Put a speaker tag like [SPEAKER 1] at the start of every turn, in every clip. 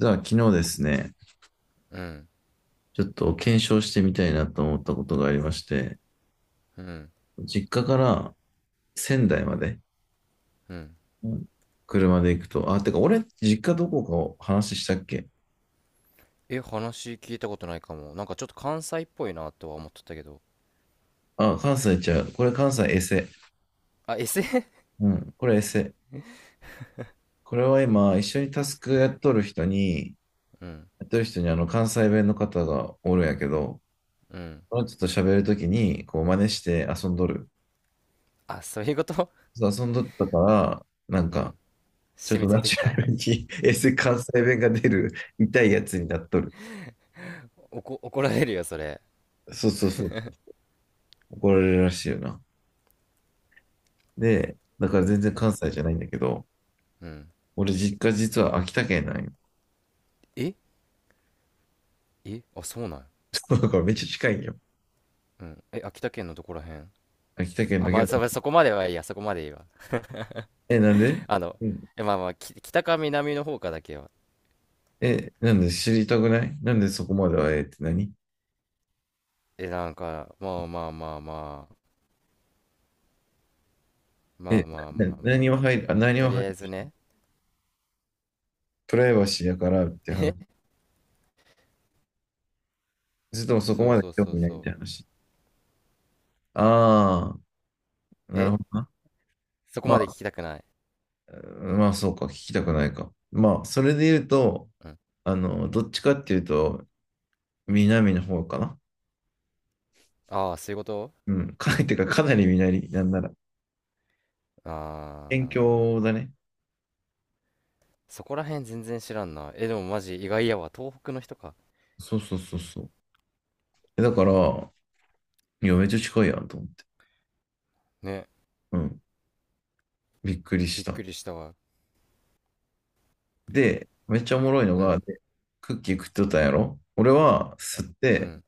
[SPEAKER 1] 実は昨日ですね、
[SPEAKER 2] うん、
[SPEAKER 1] ちょっと検証してみたいなと思ったことがありまして、
[SPEAKER 2] うん、
[SPEAKER 1] 実家から仙台まで、
[SPEAKER 2] うん。
[SPEAKER 1] 車で行くと、あ、てか俺、実家どこかを話したっけ？
[SPEAKER 2] え、話聞いたことないかも。なんかちょっと関西っぽいなとは思っとったけど。
[SPEAKER 1] あ、関西ちゃう。これ関西エセ。
[SPEAKER 2] あ、SF？
[SPEAKER 1] うん、これエセ。これは今、一緒にタスクやっとる人に、
[SPEAKER 2] うん、
[SPEAKER 1] やっとる人にあの関西弁の方がおるんやけど、
[SPEAKER 2] うん。
[SPEAKER 1] ちょっと喋るときに、こう真似して遊んどる。
[SPEAKER 2] あ、そういうこと。
[SPEAKER 1] 遊んどったから、なん
[SPEAKER 2] う
[SPEAKER 1] か、
[SPEAKER 2] ん。
[SPEAKER 1] ちょっ
[SPEAKER 2] 染み
[SPEAKER 1] と
[SPEAKER 2] つい
[SPEAKER 1] ナ
[SPEAKER 2] て
[SPEAKER 1] チ
[SPEAKER 2] き
[SPEAKER 1] ュラ
[SPEAKER 2] た。
[SPEAKER 1] ルに S 関西弁が出る。痛いやつになっとる。
[SPEAKER 2] 怒られるよ、それ。
[SPEAKER 1] そうそうそう。怒られるらしいよな。で、だから全然
[SPEAKER 2] うん、
[SPEAKER 1] 関西じゃないんだけど、
[SPEAKER 2] うん。
[SPEAKER 1] 俺実家実は秋田県なんよ。
[SPEAKER 2] ええ、あ、そうなん。
[SPEAKER 1] だからめっちゃ近いんよ。
[SPEAKER 2] うん。え、秋田県のどこら辺？
[SPEAKER 1] 秋田県
[SPEAKER 2] あ、
[SPEAKER 1] だ
[SPEAKER 2] ま
[SPEAKER 1] け
[SPEAKER 2] あ、
[SPEAKER 1] ど。
[SPEAKER 2] そこまではいいや、そこまでいいわ。
[SPEAKER 1] え、なんで、
[SPEAKER 2] あの、
[SPEAKER 1] うん、
[SPEAKER 2] え、まあまあ、北か南の方かだけは。
[SPEAKER 1] え、なんで知りたくない？なんでそこまではええって何？
[SPEAKER 2] え、なんか、まあまあまあまあ、まあ
[SPEAKER 1] え、
[SPEAKER 2] まあ
[SPEAKER 1] な
[SPEAKER 2] まあまあ、
[SPEAKER 1] 何は入る、あ、何
[SPEAKER 2] と
[SPEAKER 1] は
[SPEAKER 2] り
[SPEAKER 1] 入
[SPEAKER 2] あえず
[SPEAKER 1] る？
[SPEAKER 2] ね。
[SPEAKER 1] プライバシーやからって話？
[SPEAKER 2] え、
[SPEAKER 1] それともそこ
[SPEAKER 2] そう
[SPEAKER 1] まで
[SPEAKER 2] そう
[SPEAKER 1] 興
[SPEAKER 2] そう
[SPEAKER 1] 味ないっ
[SPEAKER 2] そう。
[SPEAKER 1] て話？ああ、なる
[SPEAKER 2] え、
[SPEAKER 1] ほどな。
[SPEAKER 2] そこまで
[SPEAKER 1] ま
[SPEAKER 2] 聞きたくない。
[SPEAKER 1] まあ、そうか、聞きたくないか。まあ、それで言うと、
[SPEAKER 2] うん。
[SPEAKER 1] あの、どっちかっていうと、南の方かな。
[SPEAKER 2] ああ、そういうこと。
[SPEAKER 1] うん、かなり南、なんなら県
[SPEAKER 2] ああ、
[SPEAKER 1] 境だね。
[SPEAKER 2] そこら辺全然知らんな。え、でもマジ意外やわ。東北の人か。
[SPEAKER 1] そうそうそうそう。だから、いや、めっちゃ近いやんと思って。
[SPEAKER 2] ね、
[SPEAKER 1] うん、びっくりし
[SPEAKER 2] びっ
[SPEAKER 1] た。
[SPEAKER 2] くりしたわ。
[SPEAKER 1] で、めっちゃおもろいの
[SPEAKER 2] う
[SPEAKER 1] が、
[SPEAKER 2] ん、
[SPEAKER 1] でクッキー食っとったんやろ、俺は吸っ
[SPEAKER 2] う
[SPEAKER 1] て、
[SPEAKER 2] ん、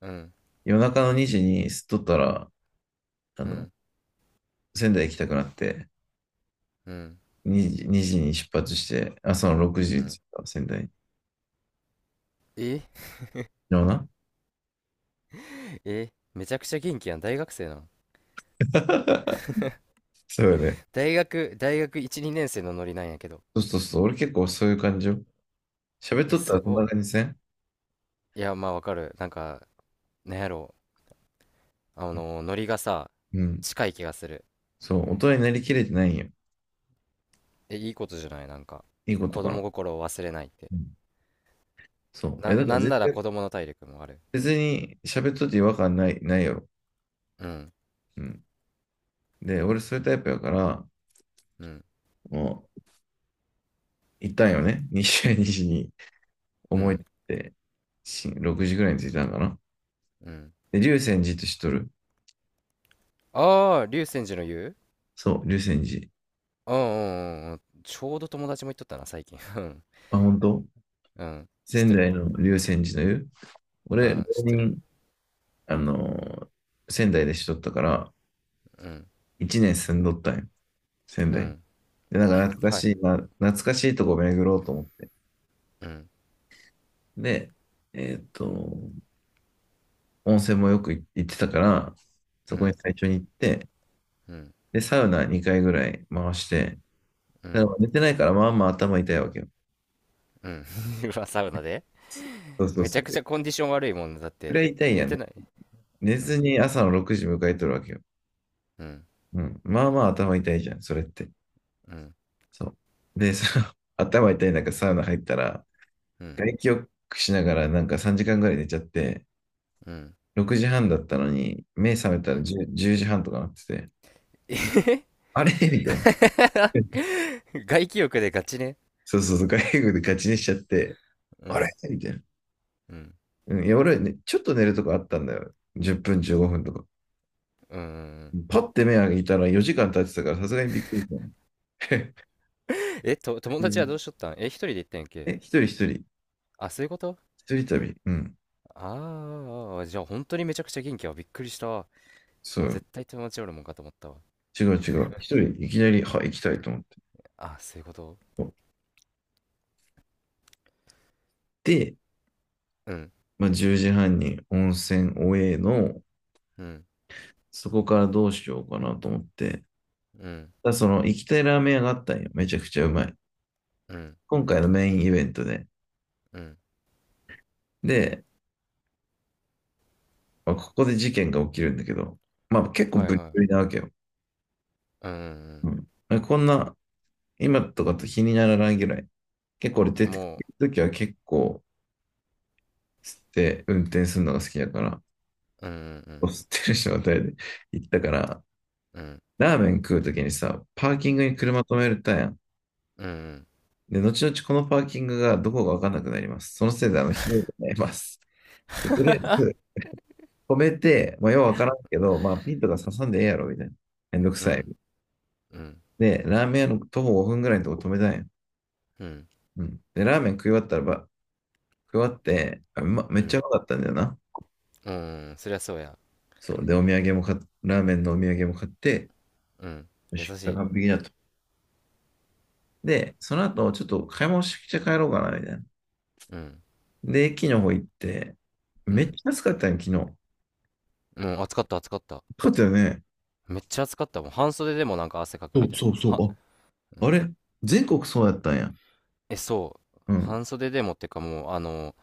[SPEAKER 2] うん、
[SPEAKER 1] 夜中の2時に吸っとったら、あ
[SPEAKER 2] う
[SPEAKER 1] の、
[SPEAKER 2] ん、
[SPEAKER 1] 仙台行きたくなって、
[SPEAKER 2] うん、
[SPEAKER 1] 2時に出発して、朝の6時
[SPEAKER 2] う
[SPEAKER 1] に着
[SPEAKER 2] ん。
[SPEAKER 1] いた、仙台。
[SPEAKER 2] え、
[SPEAKER 1] ような。
[SPEAKER 2] え、めちゃくちゃ元気やん。大学生なの？
[SPEAKER 1] そうよね。
[SPEAKER 2] 大学1、2年生のノリなんやけど。
[SPEAKER 1] そうそうそう。俺結構そういう感じよ。喋っ
[SPEAKER 2] え、
[SPEAKER 1] とった
[SPEAKER 2] す
[SPEAKER 1] らそん
[SPEAKER 2] ご
[SPEAKER 1] な
[SPEAKER 2] い。
[SPEAKER 1] 感じせん？
[SPEAKER 2] いや、まあわかる。なんか、なんやろう。あの、ノリがさ、
[SPEAKER 1] うん。
[SPEAKER 2] 近い気がする。
[SPEAKER 1] そう。大人になりきれてないんよ。
[SPEAKER 2] え、いいことじゃない、なんか。
[SPEAKER 1] いいこと
[SPEAKER 2] 子
[SPEAKER 1] かな。
[SPEAKER 2] 供心を忘れないって。
[SPEAKER 1] うん。そう。え、だから
[SPEAKER 2] なん
[SPEAKER 1] 絶
[SPEAKER 2] なら
[SPEAKER 1] 対、
[SPEAKER 2] 子供の体力もある。
[SPEAKER 1] 別に喋っとって違和感ない、ないやろ。
[SPEAKER 2] うん、
[SPEAKER 1] うん。で、俺そういうタイプやから、
[SPEAKER 2] うん。
[SPEAKER 1] もう、行ったんよね、西谷西に。
[SPEAKER 2] う
[SPEAKER 1] 思い出
[SPEAKER 2] ん。
[SPEAKER 1] って、し、6時ぐらいに着いたんかな。
[SPEAKER 2] うん。
[SPEAKER 1] で、龍泉寺って知っとる？
[SPEAKER 2] ああ、竜泉寺の湯。
[SPEAKER 1] そう、龍泉寺。
[SPEAKER 2] うんうんうんうん。ちょうど友達も言っとったな、最近。うん。
[SPEAKER 1] あ、本当？
[SPEAKER 2] うん。知っ
[SPEAKER 1] 仙
[SPEAKER 2] てる
[SPEAKER 1] 台
[SPEAKER 2] よ。
[SPEAKER 1] の龍泉寺の湯。
[SPEAKER 2] う
[SPEAKER 1] 俺、浪
[SPEAKER 2] ん、知ってる。
[SPEAKER 1] 人、あのー仙台でしとったから、
[SPEAKER 2] うん。
[SPEAKER 1] 一年住んどったんよ、仙
[SPEAKER 2] う
[SPEAKER 1] 台に。
[SPEAKER 2] ん。
[SPEAKER 1] で、なんか懐か
[SPEAKER 2] はい。
[SPEAKER 1] しいな、懐かしいとこ巡ろうと思って。
[SPEAKER 2] うん。
[SPEAKER 1] で、えーっと、温泉もよく行ってたから、
[SPEAKER 2] う
[SPEAKER 1] そこに
[SPEAKER 2] ん。
[SPEAKER 1] 最初に行って、
[SPEAKER 2] うん。
[SPEAKER 1] で、サウナ2回ぐらい回して、
[SPEAKER 2] う
[SPEAKER 1] だか
[SPEAKER 2] ん。
[SPEAKER 1] ら寝てないからまあまあ頭痛いわけよ。
[SPEAKER 2] うん。うわ、サウナで。
[SPEAKER 1] そうそう
[SPEAKER 2] めち
[SPEAKER 1] そ
[SPEAKER 2] ゃく
[SPEAKER 1] う。
[SPEAKER 2] ちゃコンディション悪いもんねだっ
[SPEAKER 1] く
[SPEAKER 2] て、
[SPEAKER 1] らい痛いや
[SPEAKER 2] 寝
[SPEAKER 1] ん。
[SPEAKER 2] てない。
[SPEAKER 1] 寝
[SPEAKER 2] う
[SPEAKER 1] ず
[SPEAKER 2] ん。
[SPEAKER 1] に朝の6時迎えとるわけよ。
[SPEAKER 2] うん。
[SPEAKER 1] うん。まあまあ頭痛いじゃん、それって。
[SPEAKER 2] うん。
[SPEAKER 1] そう。で、その 頭痛い中サウナ入ったら、
[SPEAKER 2] うん。
[SPEAKER 1] 外気浴しながらなんか3時間ぐらい寝ちゃって、
[SPEAKER 2] うん。
[SPEAKER 1] 6時半だったのに、目覚めた
[SPEAKER 2] う
[SPEAKER 1] ら
[SPEAKER 2] ん。
[SPEAKER 1] 10, 時半とかなってて、
[SPEAKER 2] えへへ。
[SPEAKER 1] あれみたいな。
[SPEAKER 2] 外気浴でガチね。
[SPEAKER 1] そうそうそう、外国でガチにしちゃって、
[SPEAKER 2] う
[SPEAKER 1] あれ
[SPEAKER 2] ん。
[SPEAKER 1] みたいな。
[SPEAKER 2] うん。
[SPEAKER 1] うん、いや、俺、ね、ちょっと寝るとこあったんだよ。10分、15分とか。
[SPEAKER 2] うんうんうん。
[SPEAKER 1] パッて目開いたら4時間経ってたから、さすがにびっくりしたね。
[SPEAKER 2] 友達はどうし とったん？え、一人で行ったんやっけ？
[SPEAKER 1] え、一人一人、
[SPEAKER 2] あ、そういうこと。
[SPEAKER 1] 一人旅。うん、
[SPEAKER 2] ああ、じゃあ本当にめちゃくちゃ元気は、びっくりしたわ。
[SPEAKER 1] そ
[SPEAKER 2] もう
[SPEAKER 1] う。
[SPEAKER 2] 絶対友達おるもんかと思ったわ。
[SPEAKER 1] 違う違う。一人、いきなり、はい、行きたいと思って。
[SPEAKER 2] あ、そういうこと。
[SPEAKER 1] で、
[SPEAKER 2] うん、
[SPEAKER 1] まあ、10時半に温泉おえの、
[SPEAKER 2] うん、
[SPEAKER 1] そこからどうしようかなと思って、
[SPEAKER 2] うん、
[SPEAKER 1] だ、その行きたいラーメン屋があったんよ。めちゃくちゃうまい。
[SPEAKER 2] うん、
[SPEAKER 1] 今回のメインイベントで。
[SPEAKER 2] うん。
[SPEAKER 1] で、まあここで事件が起きるんだけど、まあ結構
[SPEAKER 2] はい
[SPEAKER 1] ブリ
[SPEAKER 2] は
[SPEAKER 1] ブリな
[SPEAKER 2] い。
[SPEAKER 1] わけよ。
[SPEAKER 2] うん、うん、
[SPEAKER 1] うん、こんな、今とかと気にならないぐらい。結構俺出
[SPEAKER 2] うん。
[SPEAKER 1] てく
[SPEAKER 2] も
[SPEAKER 1] るときは結構吸って運転するのが好きだから、
[SPEAKER 2] う、うん、うん、
[SPEAKER 1] 吸ってる状態で行ったから、
[SPEAKER 2] うん、
[SPEAKER 1] ラーメン食うときにさ、パーキングに
[SPEAKER 2] う
[SPEAKER 1] 車止めるたやん。
[SPEAKER 2] ん、
[SPEAKER 1] で、後々このパーキングがどこかわかんなくなります。そのせいであの、ひどいことになります。でとりあえず、止めて、まあ、ようわからんけど、まあ、ピンとか刺さんでええやろ、みたいな。めんどく
[SPEAKER 2] うん、う
[SPEAKER 1] さい。
[SPEAKER 2] ん、うん、
[SPEAKER 1] で、ラーメン屋の徒歩5分ぐらいのとこ止めたんや。
[SPEAKER 2] うん、
[SPEAKER 1] うん。で、ラーメン食い終わったらば、食い終わって、あ、うま、め
[SPEAKER 2] う
[SPEAKER 1] っちゃう
[SPEAKER 2] ん、
[SPEAKER 1] まかったんだよな。
[SPEAKER 2] うん、そりゃそうや。
[SPEAKER 1] そう。で、お土産も買っ、ラーメンのお土産も買って、
[SPEAKER 2] うん、
[SPEAKER 1] よ
[SPEAKER 2] 優し
[SPEAKER 1] し、これ
[SPEAKER 2] い。
[SPEAKER 1] 完璧だと。で、その後、ちょっと買い物して帰ろうかな、みたいな。
[SPEAKER 2] うん、
[SPEAKER 1] で、駅の方行って、
[SPEAKER 2] う
[SPEAKER 1] めっち
[SPEAKER 2] ん。
[SPEAKER 1] ゃ安かったんや昨日。
[SPEAKER 2] もう、暑かった暑かった。
[SPEAKER 1] 暑かったよね。
[SPEAKER 2] めっちゃ暑かった。もう半袖でもなんか汗かく
[SPEAKER 1] そ
[SPEAKER 2] み
[SPEAKER 1] う
[SPEAKER 2] たいな。
[SPEAKER 1] そうそ
[SPEAKER 2] は、
[SPEAKER 1] う。
[SPEAKER 2] う
[SPEAKER 1] あ、あ
[SPEAKER 2] ん。
[SPEAKER 1] れ全国そうやったんや。
[SPEAKER 2] え、そう。
[SPEAKER 1] うん。
[SPEAKER 2] 半袖でもってかもう、あの、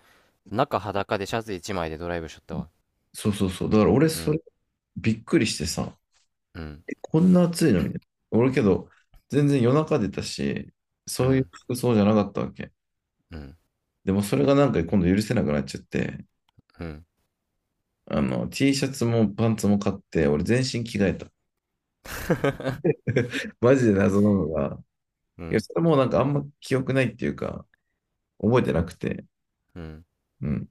[SPEAKER 2] 中裸でシャツ一枚でドライブしとったわ。
[SPEAKER 1] そうそうそう。だから俺、
[SPEAKER 2] う
[SPEAKER 1] それ、
[SPEAKER 2] ん、
[SPEAKER 1] びっくりしてさ。
[SPEAKER 2] うん、
[SPEAKER 1] こんな暑いのみたいな。俺けど、全然夜中出たし、
[SPEAKER 2] う
[SPEAKER 1] そういう
[SPEAKER 2] ん、
[SPEAKER 1] 服装じゃなかったわけ。
[SPEAKER 2] うん、
[SPEAKER 1] でもそれがなんか今度許せなくなっちゃって、
[SPEAKER 2] うん、
[SPEAKER 1] あの、T シャツもパンツも買って、俺全身着替えた。マジで謎なのが、
[SPEAKER 2] う
[SPEAKER 1] いや、
[SPEAKER 2] ん、
[SPEAKER 1] それもなんかあんま記憶ないっていうか、覚えてなくて、
[SPEAKER 2] うん、
[SPEAKER 1] うん。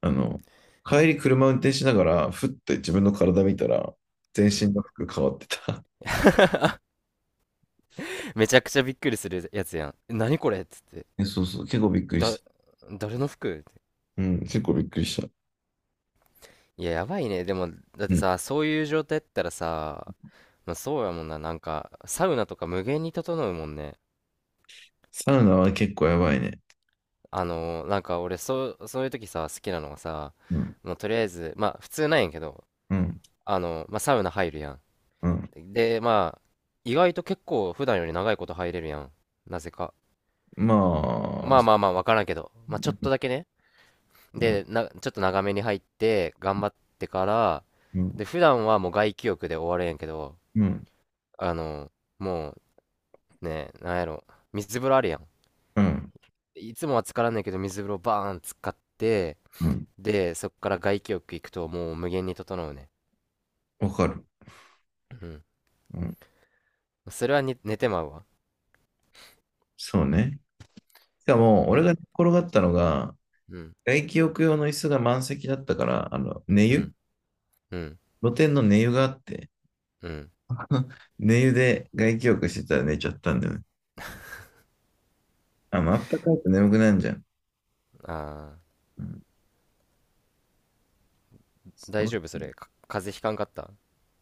[SPEAKER 1] あの、帰り車運転しながら、ふっと自分の体見たら、全
[SPEAKER 2] う
[SPEAKER 1] 身
[SPEAKER 2] ん。
[SPEAKER 1] の服変わってた。
[SPEAKER 2] めちゃくちゃびっくりするやつやん。え、何これっつって。
[SPEAKER 1] え、そうそう、結構びっくりし
[SPEAKER 2] だ、
[SPEAKER 1] た。
[SPEAKER 2] 誰の服って。
[SPEAKER 1] うん、結構びっくりした。
[SPEAKER 2] いや、やばいね。でも、だっ
[SPEAKER 1] う
[SPEAKER 2] て
[SPEAKER 1] ん。
[SPEAKER 2] さ、そういう状態やったらさ、まあ、そうやもんな。なんか、サウナとか無限に整うもんね。
[SPEAKER 1] サウナは結構やばいね。
[SPEAKER 2] なんか俺、そう、そういう時さ、好きなのがさ、
[SPEAKER 1] うん。
[SPEAKER 2] もうとりあえず、まあ、普通なんやけど、
[SPEAKER 1] うん
[SPEAKER 2] まあ、サウナ入るやん。
[SPEAKER 1] うん。
[SPEAKER 2] で、まあ、意外と結構普段より長いこと入れるやん。なぜか。
[SPEAKER 1] まあ、
[SPEAKER 2] まあまあまあ、わからんけど。まあちょっとだけね。
[SPEAKER 1] うん、
[SPEAKER 2] で、な、ちょっと長めに入って、頑張ってから、
[SPEAKER 1] うん、
[SPEAKER 2] で、普段はもう外気浴で終わるやんやけど、
[SPEAKER 1] うん、
[SPEAKER 2] あの、もうね、なんやろ、水風呂あるやん。
[SPEAKER 1] うん、
[SPEAKER 2] いつもは浸からんねんけど、水風呂バーン使って、
[SPEAKER 1] うん、
[SPEAKER 2] で、そっから外気浴行くともう無限に整うね。
[SPEAKER 1] わかる。
[SPEAKER 2] うん。
[SPEAKER 1] うん、
[SPEAKER 2] それはに寝てまうわ。
[SPEAKER 1] そうね。しかも、
[SPEAKER 2] う
[SPEAKER 1] 俺が
[SPEAKER 2] ん、
[SPEAKER 1] 寝転がったのが、
[SPEAKER 2] うん、
[SPEAKER 1] 外気浴用の椅子が満席だったから、あの、
[SPEAKER 2] うん、うん、
[SPEAKER 1] 露天の寝湯があって、
[SPEAKER 2] うん。
[SPEAKER 1] 寝湯で外気浴してたら寝ちゃったんだよね。あの、あったかいと眠くなるじゃん。
[SPEAKER 2] ああ。
[SPEAKER 1] うん、そ
[SPEAKER 2] 大
[SPEAKER 1] う
[SPEAKER 2] 丈夫？それか風邪ひかんかった？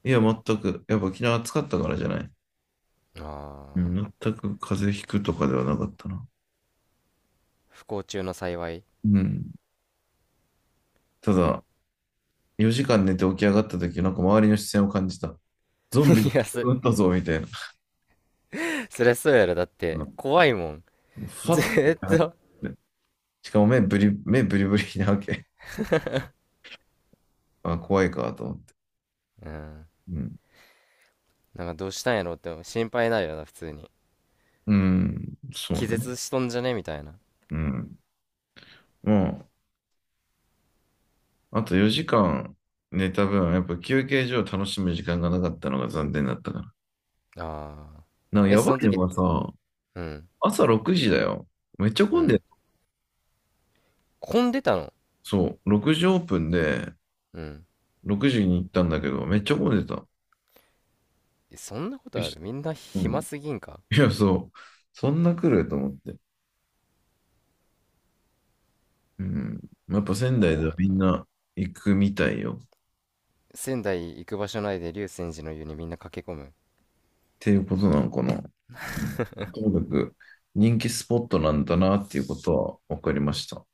[SPEAKER 1] いや、全く。やっぱ昨日暑かったからじゃない。
[SPEAKER 2] あ
[SPEAKER 1] う
[SPEAKER 2] ー、
[SPEAKER 1] ん、全く風邪ひくとかではなかったな。
[SPEAKER 2] 不幸中の幸い。 い
[SPEAKER 1] うん。ただ、4時間寝て起き上がった時、なんか周りの視線を感じた。ゾンビが
[SPEAKER 2] や、
[SPEAKER 1] 撃ったぞ、みたいな。
[SPEAKER 2] そりゃそうやろだっ
[SPEAKER 1] う
[SPEAKER 2] て
[SPEAKER 1] ん、
[SPEAKER 2] 怖いもん。
[SPEAKER 1] ふ
[SPEAKER 2] ず
[SPEAKER 1] わっと見
[SPEAKER 2] ーっ
[SPEAKER 1] っ、
[SPEAKER 2] と。
[SPEAKER 1] しかも目ブリブリなわけ。あ、怖いか、と思って。
[SPEAKER 2] うん。
[SPEAKER 1] うん。
[SPEAKER 2] なんかどうしたんやろうって心配になるよな普通に。
[SPEAKER 1] うん、そう
[SPEAKER 2] 気
[SPEAKER 1] ね。
[SPEAKER 2] 絶しとんじゃねみたいな。
[SPEAKER 1] うん。もう、あと4時間寝た分、やっぱ休憩所を楽しむ時間がなかったのが残念だったから。
[SPEAKER 2] ああ。
[SPEAKER 1] なんか
[SPEAKER 2] え、
[SPEAKER 1] やば
[SPEAKER 2] その
[SPEAKER 1] いの
[SPEAKER 2] 時？
[SPEAKER 1] がさ、
[SPEAKER 2] うん。
[SPEAKER 1] 朝6時だよ。めっちゃ
[SPEAKER 2] う
[SPEAKER 1] 混んで、
[SPEAKER 2] ん。混んでたの？
[SPEAKER 1] そう、6時オープンで、
[SPEAKER 2] うん。
[SPEAKER 1] 6時に行ったんだけど、めっちゃ混んでた。
[SPEAKER 2] え、そんなこ
[SPEAKER 1] よ
[SPEAKER 2] とあ
[SPEAKER 1] し、
[SPEAKER 2] る？みんな
[SPEAKER 1] う
[SPEAKER 2] 暇
[SPEAKER 1] ん。
[SPEAKER 2] すぎんか？
[SPEAKER 1] いや、そう、そんな来ると思って。うん。やっぱ仙台で
[SPEAKER 2] 怖
[SPEAKER 1] は
[SPEAKER 2] い
[SPEAKER 1] み
[SPEAKER 2] な。
[SPEAKER 1] んな行くみたいよ、っ
[SPEAKER 2] 仙台行く場所ないで竜泉寺の湯にみんな駆け込む？
[SPEAKER 1] ていうことなのかな。うん。ともかく人気スポットなんだなっていうことは分かりました。